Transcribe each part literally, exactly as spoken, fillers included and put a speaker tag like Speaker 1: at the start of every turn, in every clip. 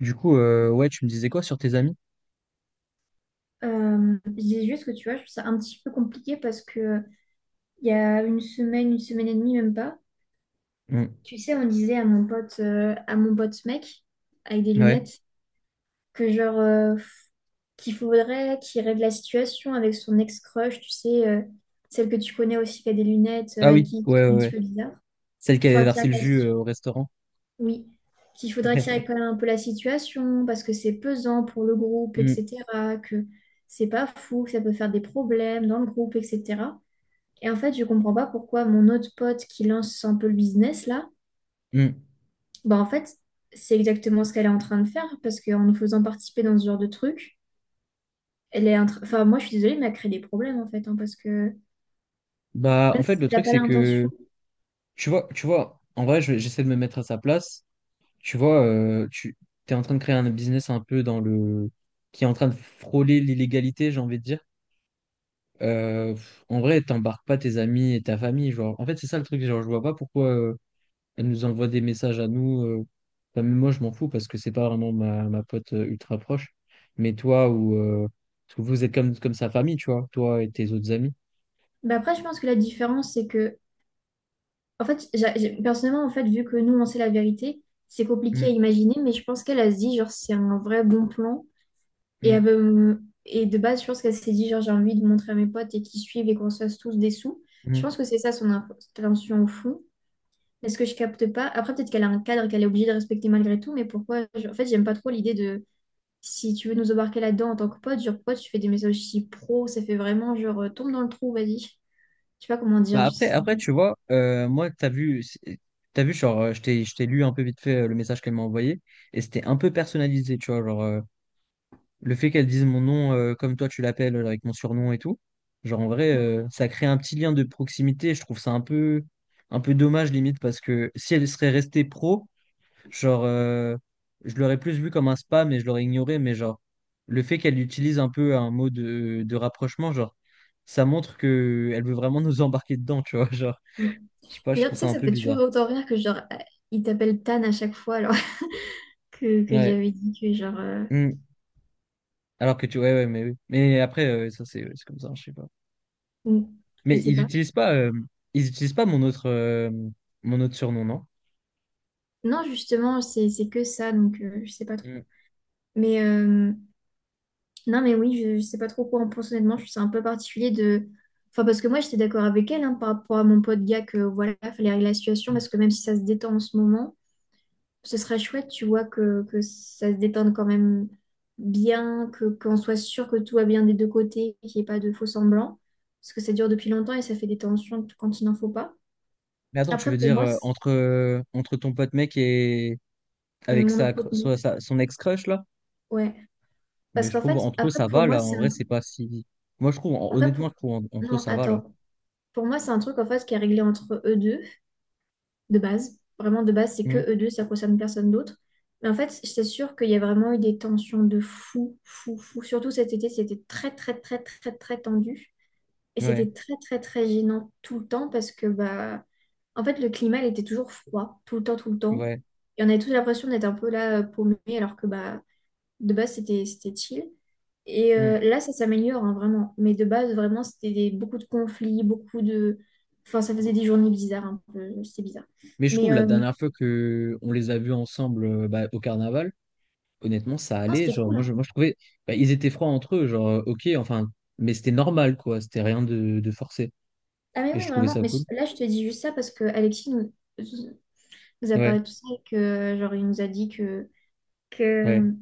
Speaker 1: Du coup, euh, ouais, tu me disais quoi sur tes amis?
Speaker 2: Euh, je dis juste que tu vois, je trouve ça un petit peu compliqué parce que il y a une semaine, une semaine et demie, même pas,
Speaker 1: Mm.
Speaker 2: tu sais, on disait à mon pote, euh, à mon pote mec, avec des
Speaker 1: Ouais.
Speaker 2: lunettes, que genre, euh, qu'il faudrait qu'il règle la situation avec son ex-crush, tu sais, euh, celle que tu connais aussi qui a des lunettes, euh,
Speaker 1: Ah
Speaker 2: avec
Speaker 1: oui,
Speaker 2: qui
Speaker 1: ouais, ouais,
Speaker 2: c'est un petit
Speaker 1: ouais.
Speaker 2: peu bizarre.
Speaker 1: Celle qui
Speaker 2: Faut
Speaker 1: avait
Speaker 2: qu'il
Speaker 1: versé
Speaker 2: règle
Speaker 1: le
Speaker 2: la
Speaker 1: jus
Speaker 2: situ-
Speaker 1: euh, au restaurant.
Speaker 2: Oui, qu'il faudrait qu'il règle quand même un peu la situation parce que c'est pesant pour le groupe,
Speaker 1: Mm,
Speaker 2: et cetera, que c'est pas fou, que ça peut faire des problèmes dans le groupe, et cetera. Et en fait, je comprends pas pourquoi mon autre pote qui lance un peu le business là,
Speaker 1: mm.
Speaker 2: bah en fait, c'est exactement ce qu'elle est en train de faire parce qu'en nous faisant participer dans ce genre de truc, elle est en train- enfin moi je suis désolée mais elle crée des problèmes en fait hein, parce que
Speaker 1: Bah, en
Speaker 2: même
Speaker 1: fait,
Speaker 2: si
Speaker 1: le
Speaker 2: elle n'a
Speaker 1: truc,
Speaker 2: pas
Speaker 1: c'est
Speaker 2: l'intention.
Speaker 1: que, tu vois, tu vois, en vrai, je- j'essaie de me mettre à sa place. Tu vois, euh, tu es en train de créer un business un peu dans le... qui est en train de frôler l'illégalité, j'ai envie de dire. Euh, pff, en vrai, t'embarques pas tes amis et ta famille, genre. En fait, c'est ça le truc, genre, je vois pas pourquoi... euh, Elle nous envoie des messages à nous. Euh, enfin, même moi, je m'en fous parce que c'est pas vraiment ma, ma pote euh, ultra proche. Mais toi, ou euh, parce que vous êtes comme, comme sa famille, tu vois, toi et tes autres amis.
Speaker 2: Bah après je pense que la différence c'est que en fait j'a- j'ai- personnellement en fait vu que nous on sait la vérité, c'est compliqué à
Speaker 1: Mm,
Speaker 2: imaginer mais je pense qu'elle a se dit genre c'est un vrai bon plan. Et,
Speaker 1: mm,
Speaker 2: elle veut- et de base, je pense qu'elle s'est dit, genre, j'ai envie de montrer à mes potes et qu'ils suivent et qu'on se fasse tous des sous. Je
Speaker 1: mm.
Speaker 2: pense que c'est ça son intention au fond. Est-ce que je capte pas? Après, peut-être qu'elle a un cadre qu'elle est obligée de respecter malgré tout, mais pourquoi? je- En fait, j'aime pas trop l'idée de si tu veux nous embarquer là-dedans en tant que pote, genre, pourquoi tu fais des messages si pro? Ça fait vraiment genre, euh, tombe dans le trou, vas-y. Je sais pas comment dire.
Speaker 1: Bah
Speaker 2: je
Speaker 1: après,
Speaker 2: sais-
Speaker 1: après, tu vois, euh, moi, t'as vu, c'est- t'as vu, genre, euh, je t'ai, je t'ai lu un peu vite fait euh, le message qu'elle m'a envoyé, et c'était un peu personnalisé, tu vois, genre, le fait qu'elle dise mon nom euh, comme toi tu l'appelles euh, avec mon surnom et tout, genre en vrai,
Speaker 2: Mm,
Speaker 1: euh, ça crée un petit lien de proximité. Je trouve ça un peu, un peu dommage limite parce que si elle serait restée pro, genre euh, je l'aurais plus vu comme un spam et je l'aurais ignoré, mais genre le fait qu'elle utilise un peu un mot de, de rapprochement, genre ça montre que elle veut vraiment nous embarquer dedans, tu vois. Genre,
Speaker 2: mm.
Speaker 1: je sais pas, je
Speaker 2: D'ailleurs,
Speaker 1: trouve
Speaker 2: tu sais
Speaker 1: ça
Speaker 2: que
Speaker 1: un
Speaker 2: ça
Speaker 1: peu
Speaker 2: fait toujours
Speaker 1: bizarre.
Speaker 2: autant rire que genre, euh, il t'appelle Tan à chaque fois, alors que, que
Speaker 1: Ouais.
Speaker 2: j'avais dit que genre, euh,
Speaker 1: Mm. Alors que tu, ouais, ouais, mais oui. Mais après, euh, ça c'est ouais, c'est comme ça, je sais pas.
Speaker 2: mm, je
Speaker 1: Mais
Speaker 2: sais
Speaker 1: ils
Speaker 2: pas.
Speaker 1: utilisent pas, euh, ils utilisent pas mon autre, euh, mon autre surnom, non?
Speaker 2: Non, justement, c'est c'est que ça, donc euh, je sais pas trop.
Speaker 1: Mm.
Speaker 2: Mais euh, non, mais oui, je, je sais pas trop quoi en penser honnêtement. Je suis un peu particulier de. Enfin, parce que moi, j'étais d'accord avec elle hein, par rapport à mon pote gars que voilà, fallait régler la situation parce que même si ça se détend en ce moment, ce serait chouette, tu vois, que, que ça se détende quand même bien, que qu'on soit sûr que tout va bien des deux côtés, qu'il n'y ait pas de faux semblants. Parce que ça dure depuis longtemps et ça fait des tensions quand il n'en faut pas.
Speaker 1: Mais attends, tu
Speaker 2: Après,
Speaker 1: veux
Speaker 2: pour
Speaker 1: dire
Speaker 2: moi,
Speaker 1: euh,
Speaker 2: c'est-
Speaker 1: entre, euh, entre ton pote mec et avec
Speaker 2: Mon
Speaker 1: sa,
Speaker 2: autre pote,
Speaker 1: cr- so- sa- son ex-crush là?
Speaker 2: ouais. Parce
Speaker 1: Mais je
Speaker 2: qu'en
Speaker 1: trouve
Speaker 2: fait,
Speaker 1: entre eux
Speaker 2: après,
Speaker 1: ça
Speaker 2: pour
Speaker 1: va
Speaker 2: moi,
Speaker 1: là. En
Speaker 2: c'est
Speaker 1: vrai,
Speaker 2: un
Speaker 1: c'est pas si. Moi, je trouve, en-
Speaker 2: Après,
Speaker 1: honnêtement,
Speaker 2: pour...
Speaker 1: je trouve en- entre eux
Speaker 2: Non,
Speaker 1: ça va là.
Speaker 2: attends. Pour moi, c'est un truc en fait qui est réglé entre eux deux, de base. Vraiment, de base, c'est que
Speaker 1: Mm.
Speaker 2: eux deux, ça concerne personne d'autre. Mais en fait, c'est sûr qu'il y a vraiment eu des tensions de fou, fou, fou. Surtout cet été, c'était très, très, très, très, très tendu. Et
Speaker 1: Ouais,
Speaker 2: c'était très, très, très gênant tout le temps parce que, bah, en fait, le climat, il était toujours froid, tout le temps, tout le temps.
Speaker 1: ouais.
Speaker 2: Et on avait tous l'impression d'être un peu là, paumé, alors que, bah, de base, c'était c'était chill. Et
Speaker 1: Mm.
Speaker 2: euh, là, ça s'améliore, hein, vraiment. Mais de base, vraiment, c'était des- beaucoup de conflits, beaucoup de... Enfin, ça faisait des journées bizarres, un peu. C'était bizarre.
Speaker 1: Mais je
Speaker 2: Mais
Speaker 1: trouve la
Speaker 2: euh, non,
Speaker 1: dernière fois que on les a vus ensemble euh, bah, au carnaval, honnêtement, ça allait.
Speaker 2: c'était
Speaker 1: Genre,
Speaker 2: cool,
Speaker 1: moi, je,
Speaker 2: hein.
Speaker 1: moi, je trouvais, bah, ils étaient froids entre eux. Genre, euh, ok, enfin, mais c'était normal quoi. C'était rien de, de forcé.
Speaker 2: Ah mais
Speaker 1: Et je
Speaker 2: oui,
Speaker 1: trouvais
Speaker 2: vraiment.
Speaker 1: ça
Speaker 2: Mais
Speaker 1: cool.
Speaker 2: là, je te dis juste ça parce que Alexis nous, nous a parlé
Speaker 1: Ouais,
Speaker 2: de tout ça et que, genre, il nous a dit que,
Speaker 1: ouais.
Speaker 2: que,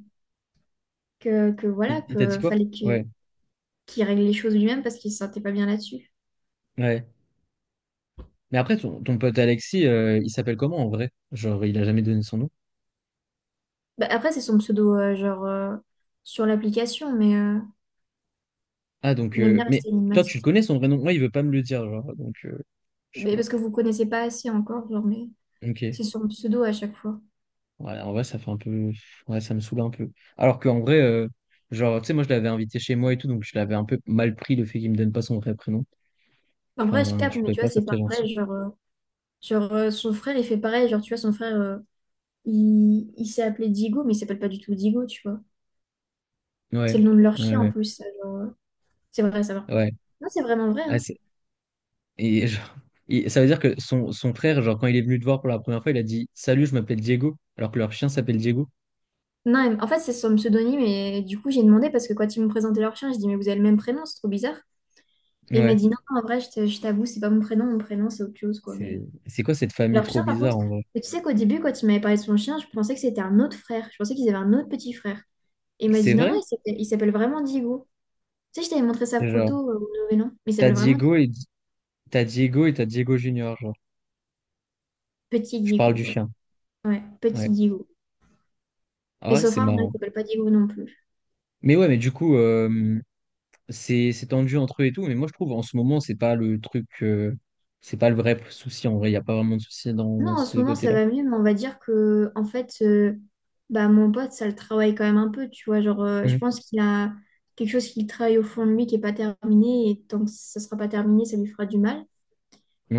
Speaker 2: que, que
Speaker 1: Il,
Speaker 2: voilà,
Speaker 1: il t'a dit
Speaker 2: que
Speaker 1: quoi?
Speaker 2: fallait
Speaker 1: Ouais,
Speaker 2: que, qu'il règle les choses lui-même parce qu'il se sentait pas bien là-dessus.
Speaker 1: ouais. Mais après, ton, ton pote Alexis, euh, il s'appelle comment en vrai? Genre, il a jamais donné son nom.
Speaker 2: Bah, après, c'est son pseudo, euh, genre, euh, sur l'application, mais euh,
Speaker 1: Ah, donc,
Speaker 2: il aime
Speaker 1: euh,
Speaker 2: bien
Speaker 1: mais
Speaker 2: rester
Speaker 1: toi, tu le
Speaker 2: énigmatique.
Speaker 1: connais son vrai nom? Moi, il veut pas me le dire, genre, donc, euh, je sais
Speaker 2: Mais
Speaker 1: pas.
Speaker 2: parce que vous connaissez pas assez encore, genre, mais
Speaker 1: Ok.
Speaker 2: c'est son pseudo à chaque fois.
Speaker 1: Ouais, en vrai, ça fait un peu. Ouais, ça me saoule un peu. Alors qu'en vrai, euh, genre, tu sais, moi, je l'avais invité chez moi et tout, donc je l'avais un peu mal pris le fait qu'il me donne pas son vrai prénom.
Speaker 2: En vrai, je
Speaker 1: Enfin,
Speaker 2: capte,
Speaker 1: je
Speaker 2: mais
Speaker 1: trouvais
Speaker 2: tu
Speaker 1: pas
Speaker 2: vois,
Speaker 1: ça
Speaker 2: c'est
Speaker 1: très gentil.
Speaker 2: pareil, genre, euh, genre euh, son frère, il fait pareil, genre, tu vois, son frère, euh, il, il s'est appelé Digo, mais il s'appelle pas du tout Digo, tu vois. C'est
Speaker 1: Ouais,
Speaker 2: le nom de leur
Speaker 1: ouais,
Speaker 2: chien, en
Speaker 1: ouais.
Speaker 2: plus, ça, genre, euh, c'est vrai, ça, par
Speaker 1: Ouais,
Speaker 2: contre. Non, c'est vraiment vrai,
Speaker 1: Ouais,
Speaker 2: hein.
Speaker 1: Et genre, et ça veut dire que son, son frère, genre, quand il est venu te voir pour la première fois, il a dit «Salut, je m'appelle Diego», alors que leur chien s'appelle Diego.
Speaker 2: Non, mais- en fait, c'est son pseudonyme, et du coup, j'ai demandé, parce que quand ils me présentaient leur chien, je dis, mais vous avez le même prénom, c'est trop bizarre. Et il m'a
Speaker 1: Ouais.
Speaker 2: dit, non, en vrai, je te- je t'avoue, c'est pas mon prénom, mon prénom, c'est autre chose, quoi,
Speaker 1: C'est,
Speaker 2: mais...
Speaker 1: c'est quoi cette famille
Speaker 2: Leur
Speaker 1: trop
Speaker 2: chien, par
Speaker 1: bizarre,
Speaker 2: contre,
Speaker 1: en vrai?
Speaker 2: et tu sais qu'au début, quand il m'avait parlé de son chien, je pensais que c'était un autre frère. Je pensais qu'ils avaient un autre petit frère. Et il m'a
Speaker 1: C'est
Speaker 2: dit non, non,
Speaker 1: vrai?
Speaker 2: il s'appelle il s'appelle vraiment Diego. Tu sais, je t'avais montré sa
Speaker 1: Genre,
Speaker 2: photo euh, au Nouvel An, mais il
Speaker 1: t'as
Speaker 2: s'appelle vraiment Di-
Speaker 1: Diego et t'as Diego et t'as Diego Junior, genre.
Speaker 2: Petit
Speaker 1: Je parle
Speaker 2: Diego.
Speaker 1: du
Speaker 2: Ouais,
Speaker 1: chien.
Speaker 2: ouais,
Speaker 1: Ouais.
Speaker 2: Petit Diego.
Speaker 1: Ah
Speaker 2: Et
Speaker 1: ouais,
Speaker 2: son
Speaker 1: c'est
Speaker 2: frère, non, il
Speaker 1: marrant.
Speaker 2: s'appelle pas Diego non plus.
Speaker 1: Mais ouais, mais du coup, euh, c'est, c'est tendu entre eux et tout, mais moi, je trouve, en ce moment, c'est pas le truc, euh, c'est pas le vrai souci, en vrai. Il n'y a pas vraiment de souci dans,
Speaker 2: Non,
Speaker 1: dans
Speaker 2: en ce
Speaker 1: ce
Speaker 2: moment, ça
Speaker 1: côté-là.
Speaker 2: va mieux, mais on va dire que, en fait, euh, bah, mon pote, ça le travaille quand même un peu, tu vois. Genre, euh, je
Speaker 1: Mhm.
Speaker 2: pense qu'il a quelque chose qu'il travaille au fond de lui qui est pas terminé, et tant que ça sera pas terminé, ça lui fera du mal.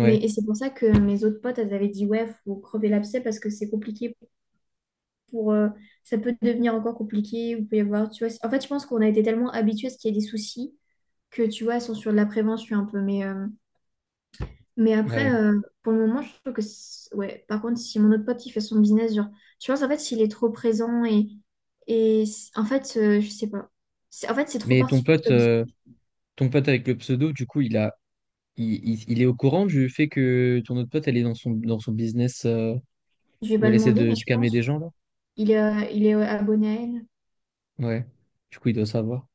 Speaker 2: Mais et c'est pour ça que mes autres potes, elles avaient dit, ouais, faut crever l'abcès parce que c'est compliqué pour... euh, ça peut devenir encore compliqué, vous pouvez voir, tu vois. c'est- En fait, je pense qu'on a été tellement habitués à ce qu'il y ait des soucis que, tu vois, elles sont sur de la prévention un peu. Mais, euh, mais après,
Speaker 1: ouais.
Speaker 2: euh, pour le moment, je trouve que... c'est- Ouais, par contre, si mon autre pote, il fait son business, genre, je pense, en fait, s'il est trop présent et... Et c- en fait, euh, je sais pas. C'est- En fait, c'est trop
Speaker 1: Mais ton
Speaker 2: particulier
Speaker 1: pote...
Speaker 2: comme si.
Speaker 1: euh, Ton pote avec le pseudo, du coup, il a, il, il- il est au courant du fait que ton autre pote, elle est dans son, dans son business euh,
Speaker 2: Je vais
Speaker 1: où
Speaker 2: pas
Speaker 1: elle essaie
Speaker 2: demander,
Speaker 1: de
Speaker 2: mais je
Speaker 1: scammer des
Speaker 2: pense.
Speaker 1: gens, là?
Speaker 2: Il est, euh, il est abonné à elle.
Speaker 1: Ouais. Du coup, il doit savoir.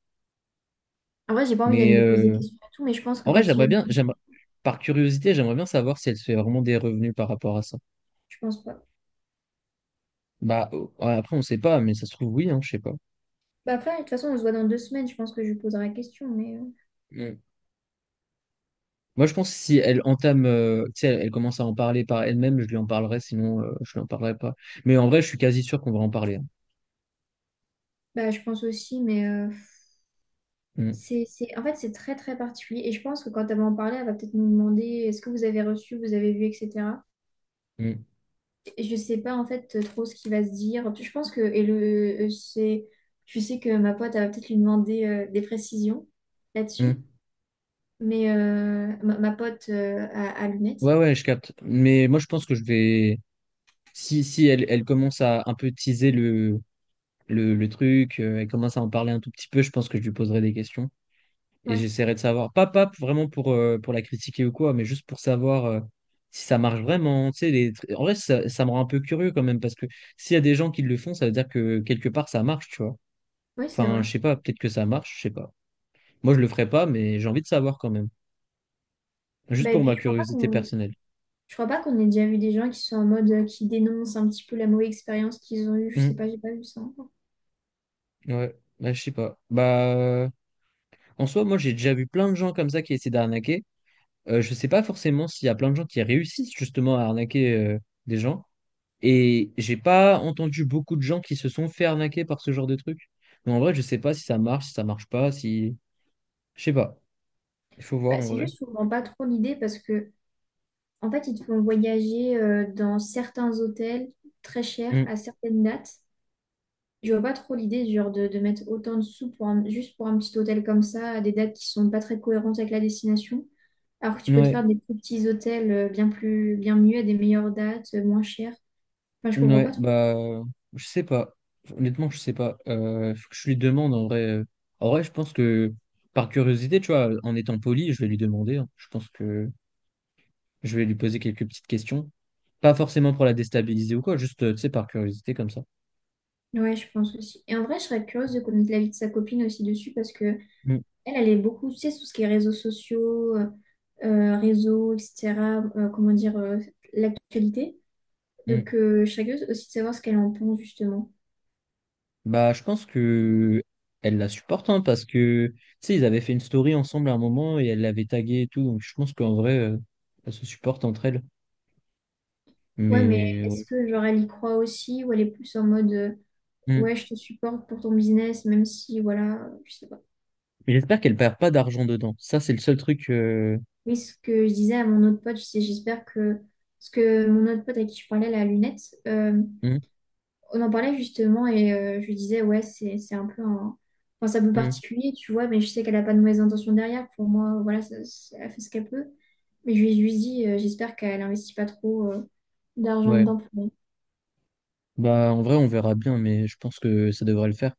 Speaker 2: En vrai, j'ai pas envie d'aller
Speaker 1: Mais
Speaker 2: lui poser des
Speaker 1: euh,
Speaker 2: questions et tout, mais je pense que
Speaker 1: en vrai,
Speaker 2: quand il vient
Speaker 1: j'aimerais
Speaker 2: me
Speaker 1: bien, j'aimerais,
Speaker 2: confier,
Speaker 1: par curiosité, j'aimerais bien savoir si elle se fait vraiment des revenus par rapport à ça.
Speaker 2: je pense pas.
Speaker 1: Bah, euh, ouais, après, on sait pas, mais ça se trouve, oui, hein, je sais pas.
Speaker 2: Bah après, de toute façon, on se voit dans deux semaines, je pense que je lui poserai la question, mais euh,
Speaker 1: Mm. Moi, je pense que si elle entame, euh, tu sais, elle, elle commence à en parler par elle-même, je lui en parlerai, sinon, euh, je lui en parlerai pas. Mais en vrai, je suis quasi sûr qu'on va en parler. Hein.
Speaker 2: bah je pense aussi, mais euh,
Speaker 1: Mm,
Speaker 2: c'est, c'est, en fait, c'est très très particulier. Et je pense que quand elle va en parler, elle va peut-être nous demander est-ce que vous avez reçu, vous avez vu, et cetera.
Speaker 1: mm,
Speaker 2: Et je sais pas en fait euh, trop ce qu'il va se dire. Je pense que, et le, euh, c'est, je sais que ma pote, elle va peut-être lui demander euh, des précisions
Speaker 1: mm.
Speaker 2: là-dessus, mais euh, ma, ma pote euh, à, à lunettes.
Speaker 1: Ouais, ouais, je capte. Mais moi, je pense que je vais. Si, si elle, elle commence à un peu teaser le, le, le truc, euh, elle commence à en parler un tout petit peu, je pense que je lui poserai des questions. Et
Speaker 2: Ouais,
Speaker 1: j'essaierai de savoir. Pas, pas vraiment pour, euh, pour la critiquer ou quoi, mais juste pour savoir euh, si ça marche vraiment. Tu sais, les... tr- En vrai, ça, ça me rend un peu curieux quand même, parce que s'il y a des gens qui le font, ça veut dire que quelque part, ça marche, tu vois.
Speaker 2: oui, c'est
Speaker 1: Enfin,
Speaker 2: vrai.
Speaker 1: je sais pas, peut-être que ça marche, je sais pas. Moi, je le ferai pas, mais j'ai envie de savoir quand même. Juste
Speaker 2: Bah, et
Speaker 1: pour
Speaker 2: puis,
Speaker 1: ma
Speaker 2: je crois pas
Speaker 1: curiosité
Speaker 2: qu'on
Speaker 1: personnelle.
Speaker 2: Je crois pas qu'on ait déjà vu des gens qui sont en mode euh, qui dénoncent un petit peu la mauvaise expérience qu'ils ont eue. Je sais
Speaker 1: Hmm,
Speaker 2: pas, j'ai pas vu ça encore.
Speaker 1: ouais, bah, je sais pas. Bah. En soi, moi, j'ai déjà vu plein de gens comme ça qui essaient d'arnaquer. Euh, je sais pas forcément s'il y a plein de gens qui réussissent justement à arnaquer euh, des gens. Et j'ai pas entendu beaucoup de gens qui se sont fait arnaquer par ce genre de truc. Mais en vrai, je sais pas si ça marche, si ça marche pas, si. Je sais pas. Il faut voir
Speaker 2: Bah,
Speaker 1: en
Speaker 2: c'est
Speaker 1: vrai.
Speaker 2: juste qu'on vend pas trop l'idée parce que en fait ils te font voyager euh, dans certains hôtels très chers
Speaker 1: Mm.
Speaker 2: à certaines dates. Je vois pas trop l'idée genre de, de mettre autant de sous pour un- juste pour un petit hôtel comme ça à des dates qui sont pas très cohérentes avec la destination. Alors que tu peux te
Speaker 1: Ouais,
Speaker 2: faire des plus petits hôtels euh, bien plus bien mieux à des meilleures dates, euh, moins chères. Enfin, je comprends pas
Speaker 1: ouais,
Speaker 2: trop.
Speaker 1: bah. euh, Je sais pas. Honnêtement, je sais pas. Euh, faut que je lui demande en vrai. Euh. En vrai, je pense que par curiosité, tu vois, en étant poli, je vais lui demander. Hein. Je pense que. Je vais lui poser quelques petites questions. Pas forcément pour la déstabiliser ou quoi, juste, euh, tu sais, par curiosité comme ça.
Speaker 2: Ouais, je pense aussi. Et en vrai, je serais curieuse de connaître l'avis de sa copine aussi dessus parce que
Speaker 1: Mm,
Speaker 2: elle, elle est beaucoup, tu sais, tout ce qui est réseaux sociaux, euh, euh, réseaux, et cetera euh, comment dire, euh, l'actualité.
Speaker 1: mm.
Speaker 2: Donc, euh, je serais curieuse aussi de savoir ce qu'elle en pense, justement.
Speaker 1: Bah, je pense que elle la supporte, hein, parce que, tu sais, ils avaient fait une story ensemble à un moment et elle l'avait tagué et tout. Donc, je pense qu'en vrai, euh, elles se supportent entre elles.
Speaker 2: Ouais, mais
Speaker 1: Mais, ouais.
Speaker 2: est-ce que, genre, elle y croit aussi ou elle est plus en mode, euh,
Speaker 1: Mm.
Speaker 2: ouais, je te supporte pour ton business, même si, voilà, euh, je sais pas.
Speaker 1: Mais J'espère qu'elle perd pas d'argent dedans. Ça, c'est le seul truc. euh,
Speaker 2: Oui, ce que je disais à mon autre pote, je sais, j'espère que... Parce que mon autre pote avec qui je parlais, la lunette, euh,
Speaker 1: mm,
Speaker 2: on en parlait justement et euh, je lui disais, ouais, c'est, c'est un peu un... Enfin, c'est un peu
Speaker 1: mm.
Speaker 2: particulier, tu vois, mais je sais qu'elle n'a pas de mauvaises intentions derrière. Pour moi, voilà, ça- ça- elle fait ce qu'elle peut. Mais je lui, je lui dis, euh, j'espère qu'elle n'investit pas trop euh, d'argent
Speaker 1: Ouais.
Speaker 2: dedans
Speaker 1: Bah, en vrai, on verra bien, mais je pense que ça devrait le faire.